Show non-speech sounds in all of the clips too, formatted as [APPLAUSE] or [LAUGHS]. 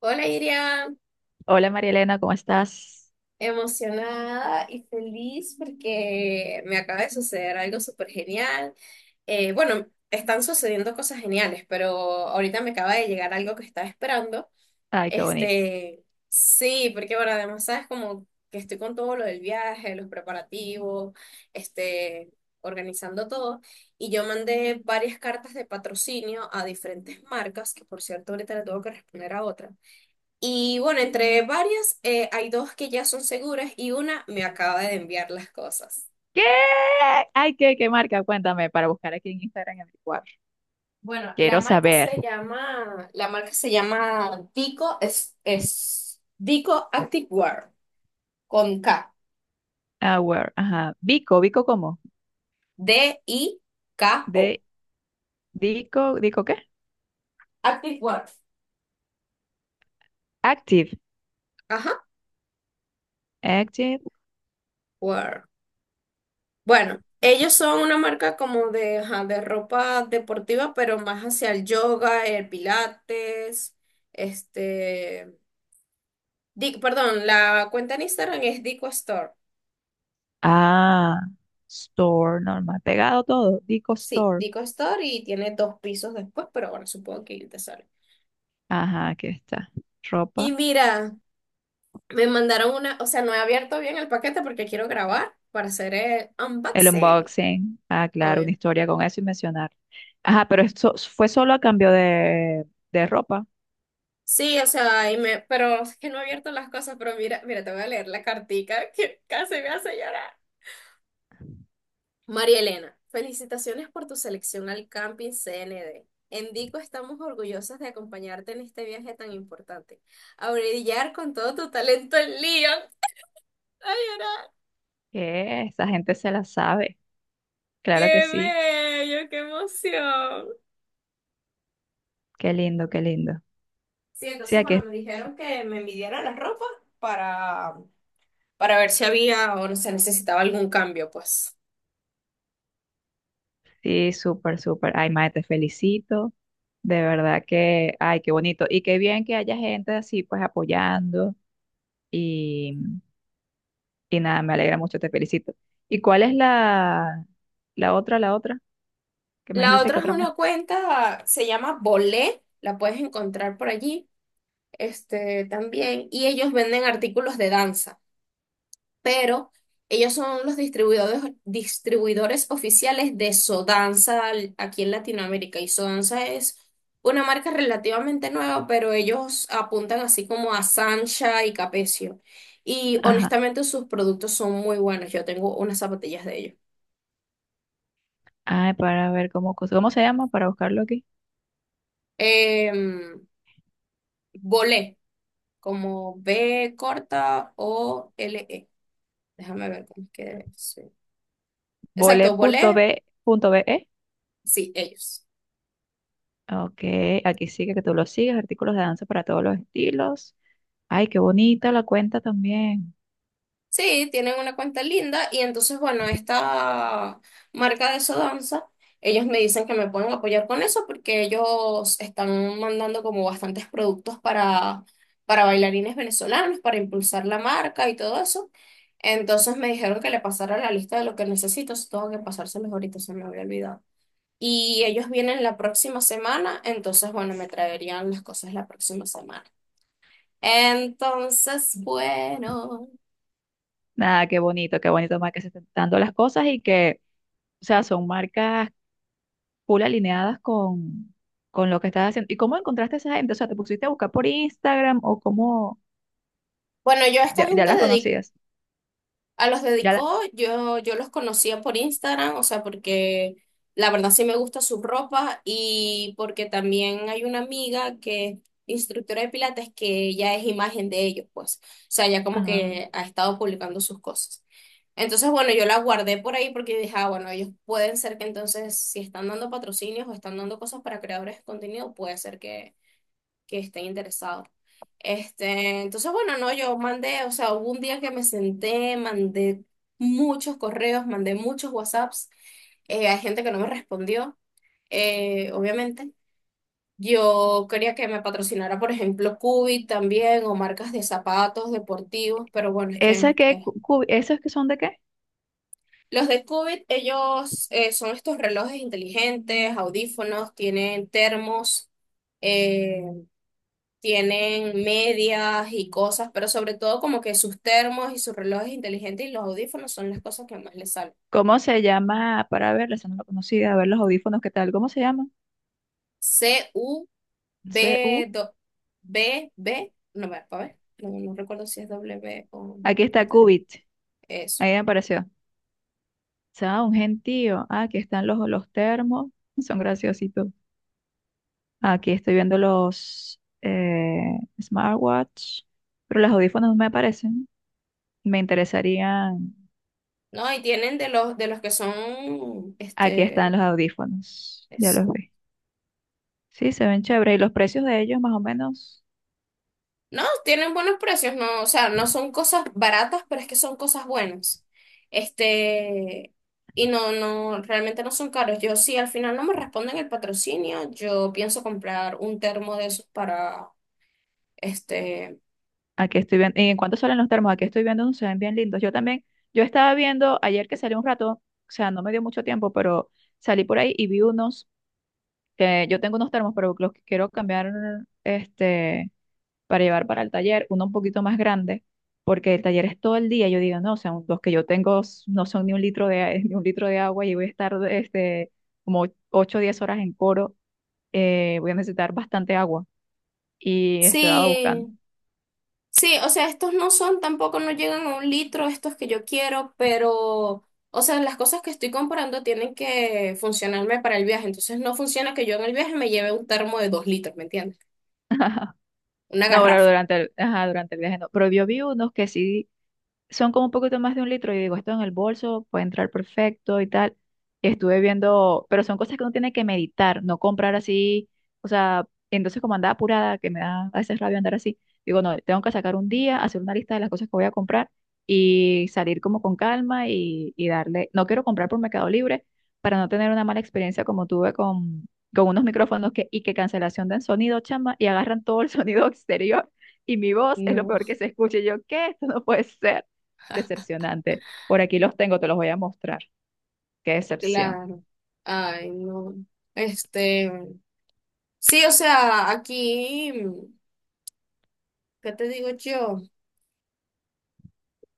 Hola Iria, Hola María Elena, ¿cómo estás? emocionada y feliz porque me acaba de suceder algo súper genial. Bueno, están sucediendo cosas geniales, pero ahorita me acaba de llegar algo que estaba esperando. Ay, qué bonito. Este, sí, porque bueno, además sabes como que estoy con todo lo del viaje, los preparativos, este, organizando todo. Y yo mandé varias cartas de patrocinio a diferentes marcas, que por cierto ahorita le tengo que responder a otra. Y bueno, entre varias, hay dos que ya son seguras y una me acaba de enviar las cosas. ¿Qué? Ay, ¿qué marca? Cuéntame, para buscar aquí en Instagram en mi. Bueno, Quiero saber. La marca se llama Dico, es Dico Activewear, con K, Ah, where, ajá. Vico, Vico, ¿cómo? DIKO, De, Vico, ¿Vico qué? Activewear. Active. Ajá. Active. Wear. Bueno, ellos son una marca como de, ajá, de ropa deportiva, pero más hacia el yoga, el pilates, este, perdón, la cuenta en Instagram es Dico Store. Ah, store, normal. Pegado todo. Vico Sí, Store. Dico Store y tiene dos pisos después, pero bueno, supongo que ahí te sale. Ajá, aquí está. Y Ropa. mira, me mandaron una, o sea, no he abierto bien el paquete porque quiero grabar para hacer el El unboxing, unboxing. Ah, claro, una obvio. historia con eso y mencionar. Ajá, pero esto fue solo a cambio de ropa. Sí, o sea, y me, pero es que no he abierto las cosas, pero mira, mira, te voy a leer la cartica que casi me hace llorar. María Elena, felicitaciones por tu selección al Camping CND. En Dico estamos orgullosas de acompañarte en este viaje tan importante. A brillar con todo tu talento en Lyon. ¡Ay, ahora! ¿Qué? Esa gente se la sabe. Claro que ¡Qué sí. bello! ¡Qué emoción! Qué lindo, qué lindo. Sí, Sí, entonces, aquí bueno, me dijeron que me midieran la ropa para, para ver si había o no se necesitaba algún cambio, pues. sí, súper, súper. Ay, mae, te felicito. De verdad que, ay, qué bonito. Y qué bien que haya gente así, pues apoyando. Y, y nada, me alegra mucho, te felicito. ¿Y cuál es la otra, la otra? Que me La dijiste otra que es otra una marca. cuenta, se llama Bolé, la puedes encontrar por allí, también, y ellos venden artículos de danza. Pero ellos son los distribuidores oficiales de Sodanza aquí en Latinoamérica. Y Sodanza es una marca relativamente nueva, pero ellos apuntan así como a Sancha y Capecio. Y Ajá. honestamente sus productos son muy buenos. Yo tengo unas zapatillas de ellos. Ay, para ver cómo, ¿cómo se llama? Para buscarlo aquí. Em, Bolé, como B corta o L E. Déjame ver cómo es que sí. Exacto, Bolé, Vole.b.be. sí, ellos. Ok, aquí sigue que tú lo sigues. Artículos de danza para todos los estilos. Ay, qué bonita la cuenta también. Sí, tienen una cuenta linda y entonces, bueno, esta marca de Sodanza, ellos me dicen que me pueden apoyar con eso porque ellos están mandando como bastantes productos para bailarines venezolanos, para impulsar la marca y todo eso. Entonces me dijeron que le pasara la lista de lo que necesito, si tengo que pasárselos ahorita, se me había olvidado. Y ellos vienen la próxima semana, entonces, bueno, me traerían las cosas la próxima semana. Entonces, bueno. Nada, qué bonito más que se están dando las cosas y que, o sea, son marcas full alineadas con lo que estás haciendo. ¿Y cómo encontraste a esa gente? O sea, ¿te pusiste a buscar por Instagram o cómo? Bueno, yo a esta Ya, ya gente las dedico. conocías. A los Ya la... dedicó, yo los conocía por Instagram, o sea, porque la verdad sí me gusta su ropa y porque también hay una amiga que es instructora de pilates que ella es imagen de ellos, pues. O sea, ya como Ah. que ha estado publicando sus cosas. Entonces, bueno, yo la guardé por ahí porque dije, ah, bueno, ellos pueden ser que entonces, si están dando patrocinios o están dando cosas para creadores de contenido, puede ser que estén interesados. Entonces, bueno, no, yo mandé, o sea, hubo un día que me senté, mandé muchos correos, mandé muchos WhatsApps, hay gente que no me respondió, obviamente. Yo quería que me patrocinara, por ejemplo, Cubit también, o marcas de zapatos deportivos, pero bueno, es que ¿Esas que, cu- cu- esas que son de qué? los de Cubit, ellos son estos relojes inteligentes, audífonos, tienen termos. eh, Tienen medias y cosas, pero sobre todo como que sus termos y sus relojes inteligentes y los audífonos son las cosas que más les salen. ¿Cómo se llama? Para verlas, esa no la conocía, a ver los audífonos, ¿qué tal? ¿Cómo se llama? C, U, B, C-U. No, va, a ver, no, no recuerdo si es W o, Aquí ya está te digo, Cubit. eso. Ahí me apareció. O sea, un gentío. Ah, aquí están los termos. Son graciositos. Aquí estoy viendo los smartwatch, pero los audífonos no me aparecen. Me interesarían. No, y tienen de los que son, Aquí están los audífonos. Ya los vi. Sí, se ven chéveres. Y los precios de ellos, más o menos. no, tienen buenos precios, no, o sea, no son cosas baratas, pero es que son cosas buenas. Este, y no, no, realmente no son caros. Yo sí, al final no me responden el patrocinio, yo pienso comprar un termo de esos para, este, Aquí estoy viendo. ¿Y en cuánto salen los termos? Aquí estoy viendo unos, se ven bien lindos. Yo también. Yo estaba viendo ayer que salí un rato. O sea, no me dio mucho tiempo, pero salí por ahí y vi unos. Que yo tengo unos termos, pero los quiero cambiar. Este. Para llevar para el taller, uno un poquito más grande, porque el taller es todo el día. Yo digo, no, o sea, los que yo tengo no son ni un litro de, [LAUGHS] ni un litro de agua y voy a estar como 8 o 10 horas en coro, voy a necesitar bastante agua y estaba sí, buscando. sí, o sea, estos no son, tampoco no llegan a un litro, estos que yo quiero, pero, o sea, las cosas que estoy comprando tienen que funcionarme para el viaje, entonces no funciona que yo en el viaje me lleve un termo de 2 litros, ¿me entiendes? Una No, bueno, garrafa. durante el, ajá, durante el viaje no, pero yo vi unos que sí son como un poquito más de un litro. Y digo, esto en el bolso puede entrar perfecto y tal. Y estuve viendo, pero son cosas que uno tiene que meditar, no comprar así. O sea, entonces como andaba apurada, que me da a veces rabia andar así, digo, no, tengo que sacar un día, hacer una lista de las cosas que voy a comprar y salir como con calma y darle. No quiero comprar por Mercado Libre para no tener una mala experiencia como tuve con unos micrófonos que, y que cancelación del sonido, chama, y agarran todo el [LAUGHS] sonido exterior y mi voz es lo No. peor que se escuche. Y yo, ¿qué? Esto no puede ser. Decepcionante. Por aquí los tengo, te los voy a mostrar. Qué decepción. Claro. Ay, no. Este, sí, o sea, aquí, ¿qué te digo yo?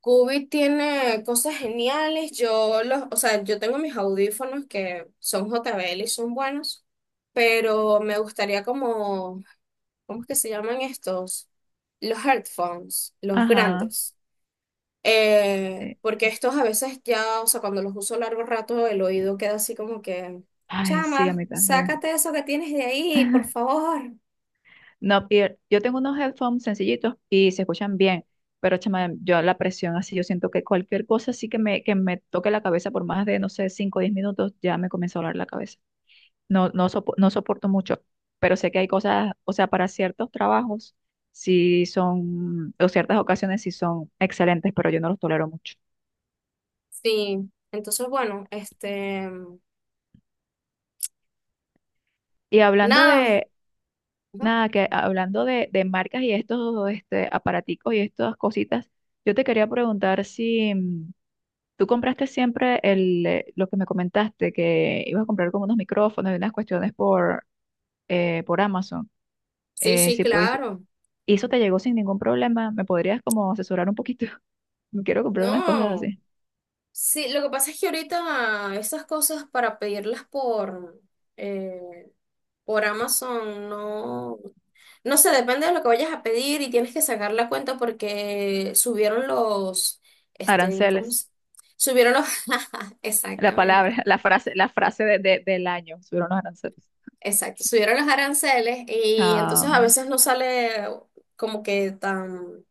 Cubi tiene cosas geniales. Yo los, o sea, yo tengo mis audífonos que son JBL y son buenos, pero me gustaría como, ¿cómo es que se llaman estos? Los headphones, los Ajá. grandes. Sí. Porque estos a veces ya, o sea, cuando los uso largo rato, el oído queda así como que, Ay, sí, a chama, mí también. sácate eso que tienes de ahí, por [LAUGHS] favor. No, y yo tengo unos headphones sencillitos y se escuchan bien, pero chama, yo la presión así, yo siento que cualquier cosa así que me toque la cabeza por más de, no sé, 5 o 10 minutos, ya me comienza a doler la cabeza. No, no, no soporto mucho, pero sé que hay cosas, o sea, para ciertos trabajos, sí son, o ciertas ocasiones sí son excelentes, pero yo no los tolero mucho. Sí, entonces, bueno, Y hablando nada. de Ajá. Nada, que hablando de marcas y estos aparaticos y estas cositas, yo te quería preguntar si tú compraste siempre lo que me comentaste, que ibas a comprar como unos micrófonos y unas cuestiones por Amazon. Sí, sí, Si pudiste, claro. y eso te llegó sin ningún problema, ¿me podrías como asesorar un poquito? [LAUGHS] Quiero comprar unas cosas No, así. sí, lo que pasa es que ahorita esas cosas para pedirlas por, eh, por Amazon no, no sé, depende de lo que vayas a pedir y tienes que sacar la cuenta porque subieron los, este, ¿cómo Aranceles, se- subieron los, [LAUGHS] la palabra, exactamente, [LAUGHS] la frase del año, subieron los aranceles. exacto, subieron los aranceles y Ah, entonces a veces no sale como que tan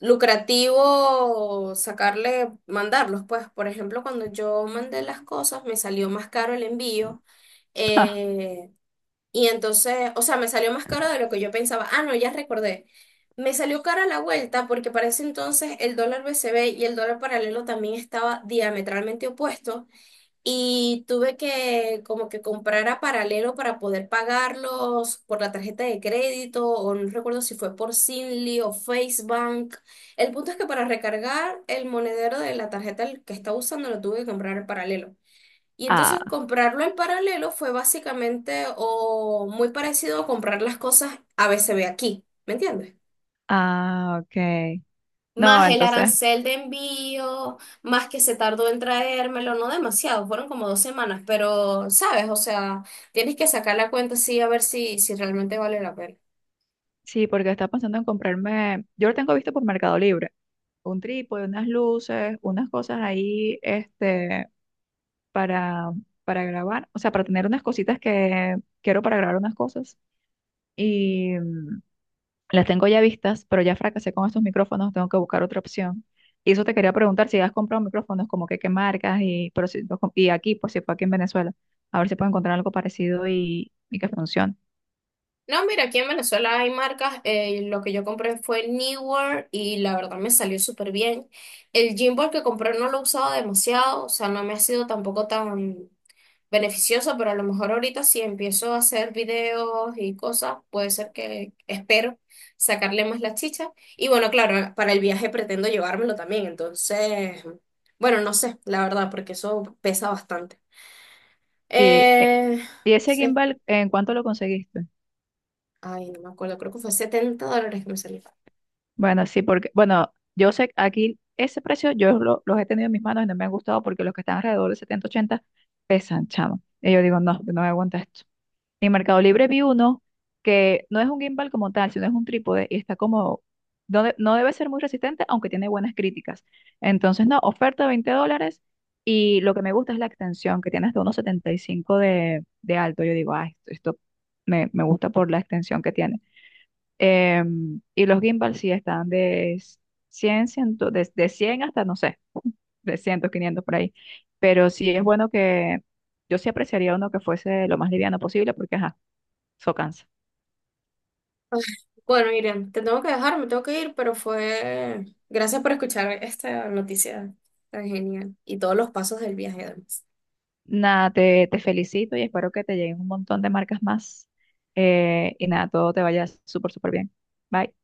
lucrativo sacarle, mandarlos, pues, por ejemplo, cuando yo mandé las cosas me salió más caro el envío. [LAUGHS] ah, eh, Y entonces, o sea, me salió más caro de lo que yo pensaba. Ah, no, ya recordé. Me salió cara la vuelta porque para ese entonces el dólar BCB y el dólar paralelo también estaba diametralmente opuesto y tuve que como que comprar a paralelo para poder pagarlos por la tarjeta de crédito, o no recuerdo si fue por Zinli o FaceBank. El punto es que para recargar el monedero de la tarjeta que estaba usando lo tuve que comprar al paralelo. Y entonces ah, comprarlo en paralelo fue básicamente o muy parecido a comprar las cosas a ABCB aquí, ¿me entiendes? ah, ok. No, Más el entonces. arancel de envío, más que se tardó en traérmelo, no demasiado, fueron como 2 semanas, pero sabes, o sea, tienes que sacar la cuenta sí a ver si, si realmente vale la pena. Sí, porque estaba pensando en comprarme, yo lo tengo visto por Mercado Libre, un trípode, unas luces, unas cosas ahí, para, para grabar, o sea, para tener unas cositas que quiero para grabar unas cosas. Y las tengo ya vistas, pero ya fracasé con estos micrófonos, tengo que buscar otra opción. Y eso te quería preguntar si has comprado micrófonos, como que qué marcas, y, pero si, y aquí, pues si fue aquí en Venezuela, a ver si puedo encontrar algo parecido y que funcione. No, mira, aquí en Venezuela hay marcas, lo que yo compré fue Newer y la verdad me salió súper bien. El Gymbal que compré no lo he usado demasiado, o sea, no me ha sido tampoco tan beneficioso, pero a lo mejor ahorita si empiezo a hacer videos y cosas, puede ser que espero sacarle más la chicha. Y bueno, claro, para el viaje pretendo llevármelo también, entonces, bueno, no sé, la verdad, porque eso pesa bastante. Sí, Eh, ¿y ese sí, gimbal en cuánto lo conseguiste? ay, no me acuerdo, creo que fue $70 que me salió. Bueno, sí, porque, bueno, yo sé que aquí ese precio, los he tenido en mis manos y no me han gustado porque los que están alrededor de 70 80 pesan, chamo. Y yo digo, no, no me aguanta esto. En Mercado Libre vi uno que no es un gimbal como tal, sino es un trípode y está como, no, no debe ser muy resistente, aunque tiene buenas críticas. Entonces, no, oferta $20 y lo que me gusta es la extensión, que tiene hasta unos 75 de alto. Yo digo, ah, esto me gusta por la extensión que tiene. Y los gimbal sí están de 100 100 de 100 hasta, no sé, 300, 500 por ahí. Pero sí es bueno que yo sí apreciaría uno que fuese lo más liviano posible porque, ajá, eso cansa. Ay, bueno, Miriam, te tengo que dejar, me tengo que ir, pero fue... Gracias por escuchar esta noticia tan genial y todos los pasos del viaje además. Nada, te felicito y espero que te lleguen un montón de marcas más. Y nada, todo te vaya súper, súper bien. Bye.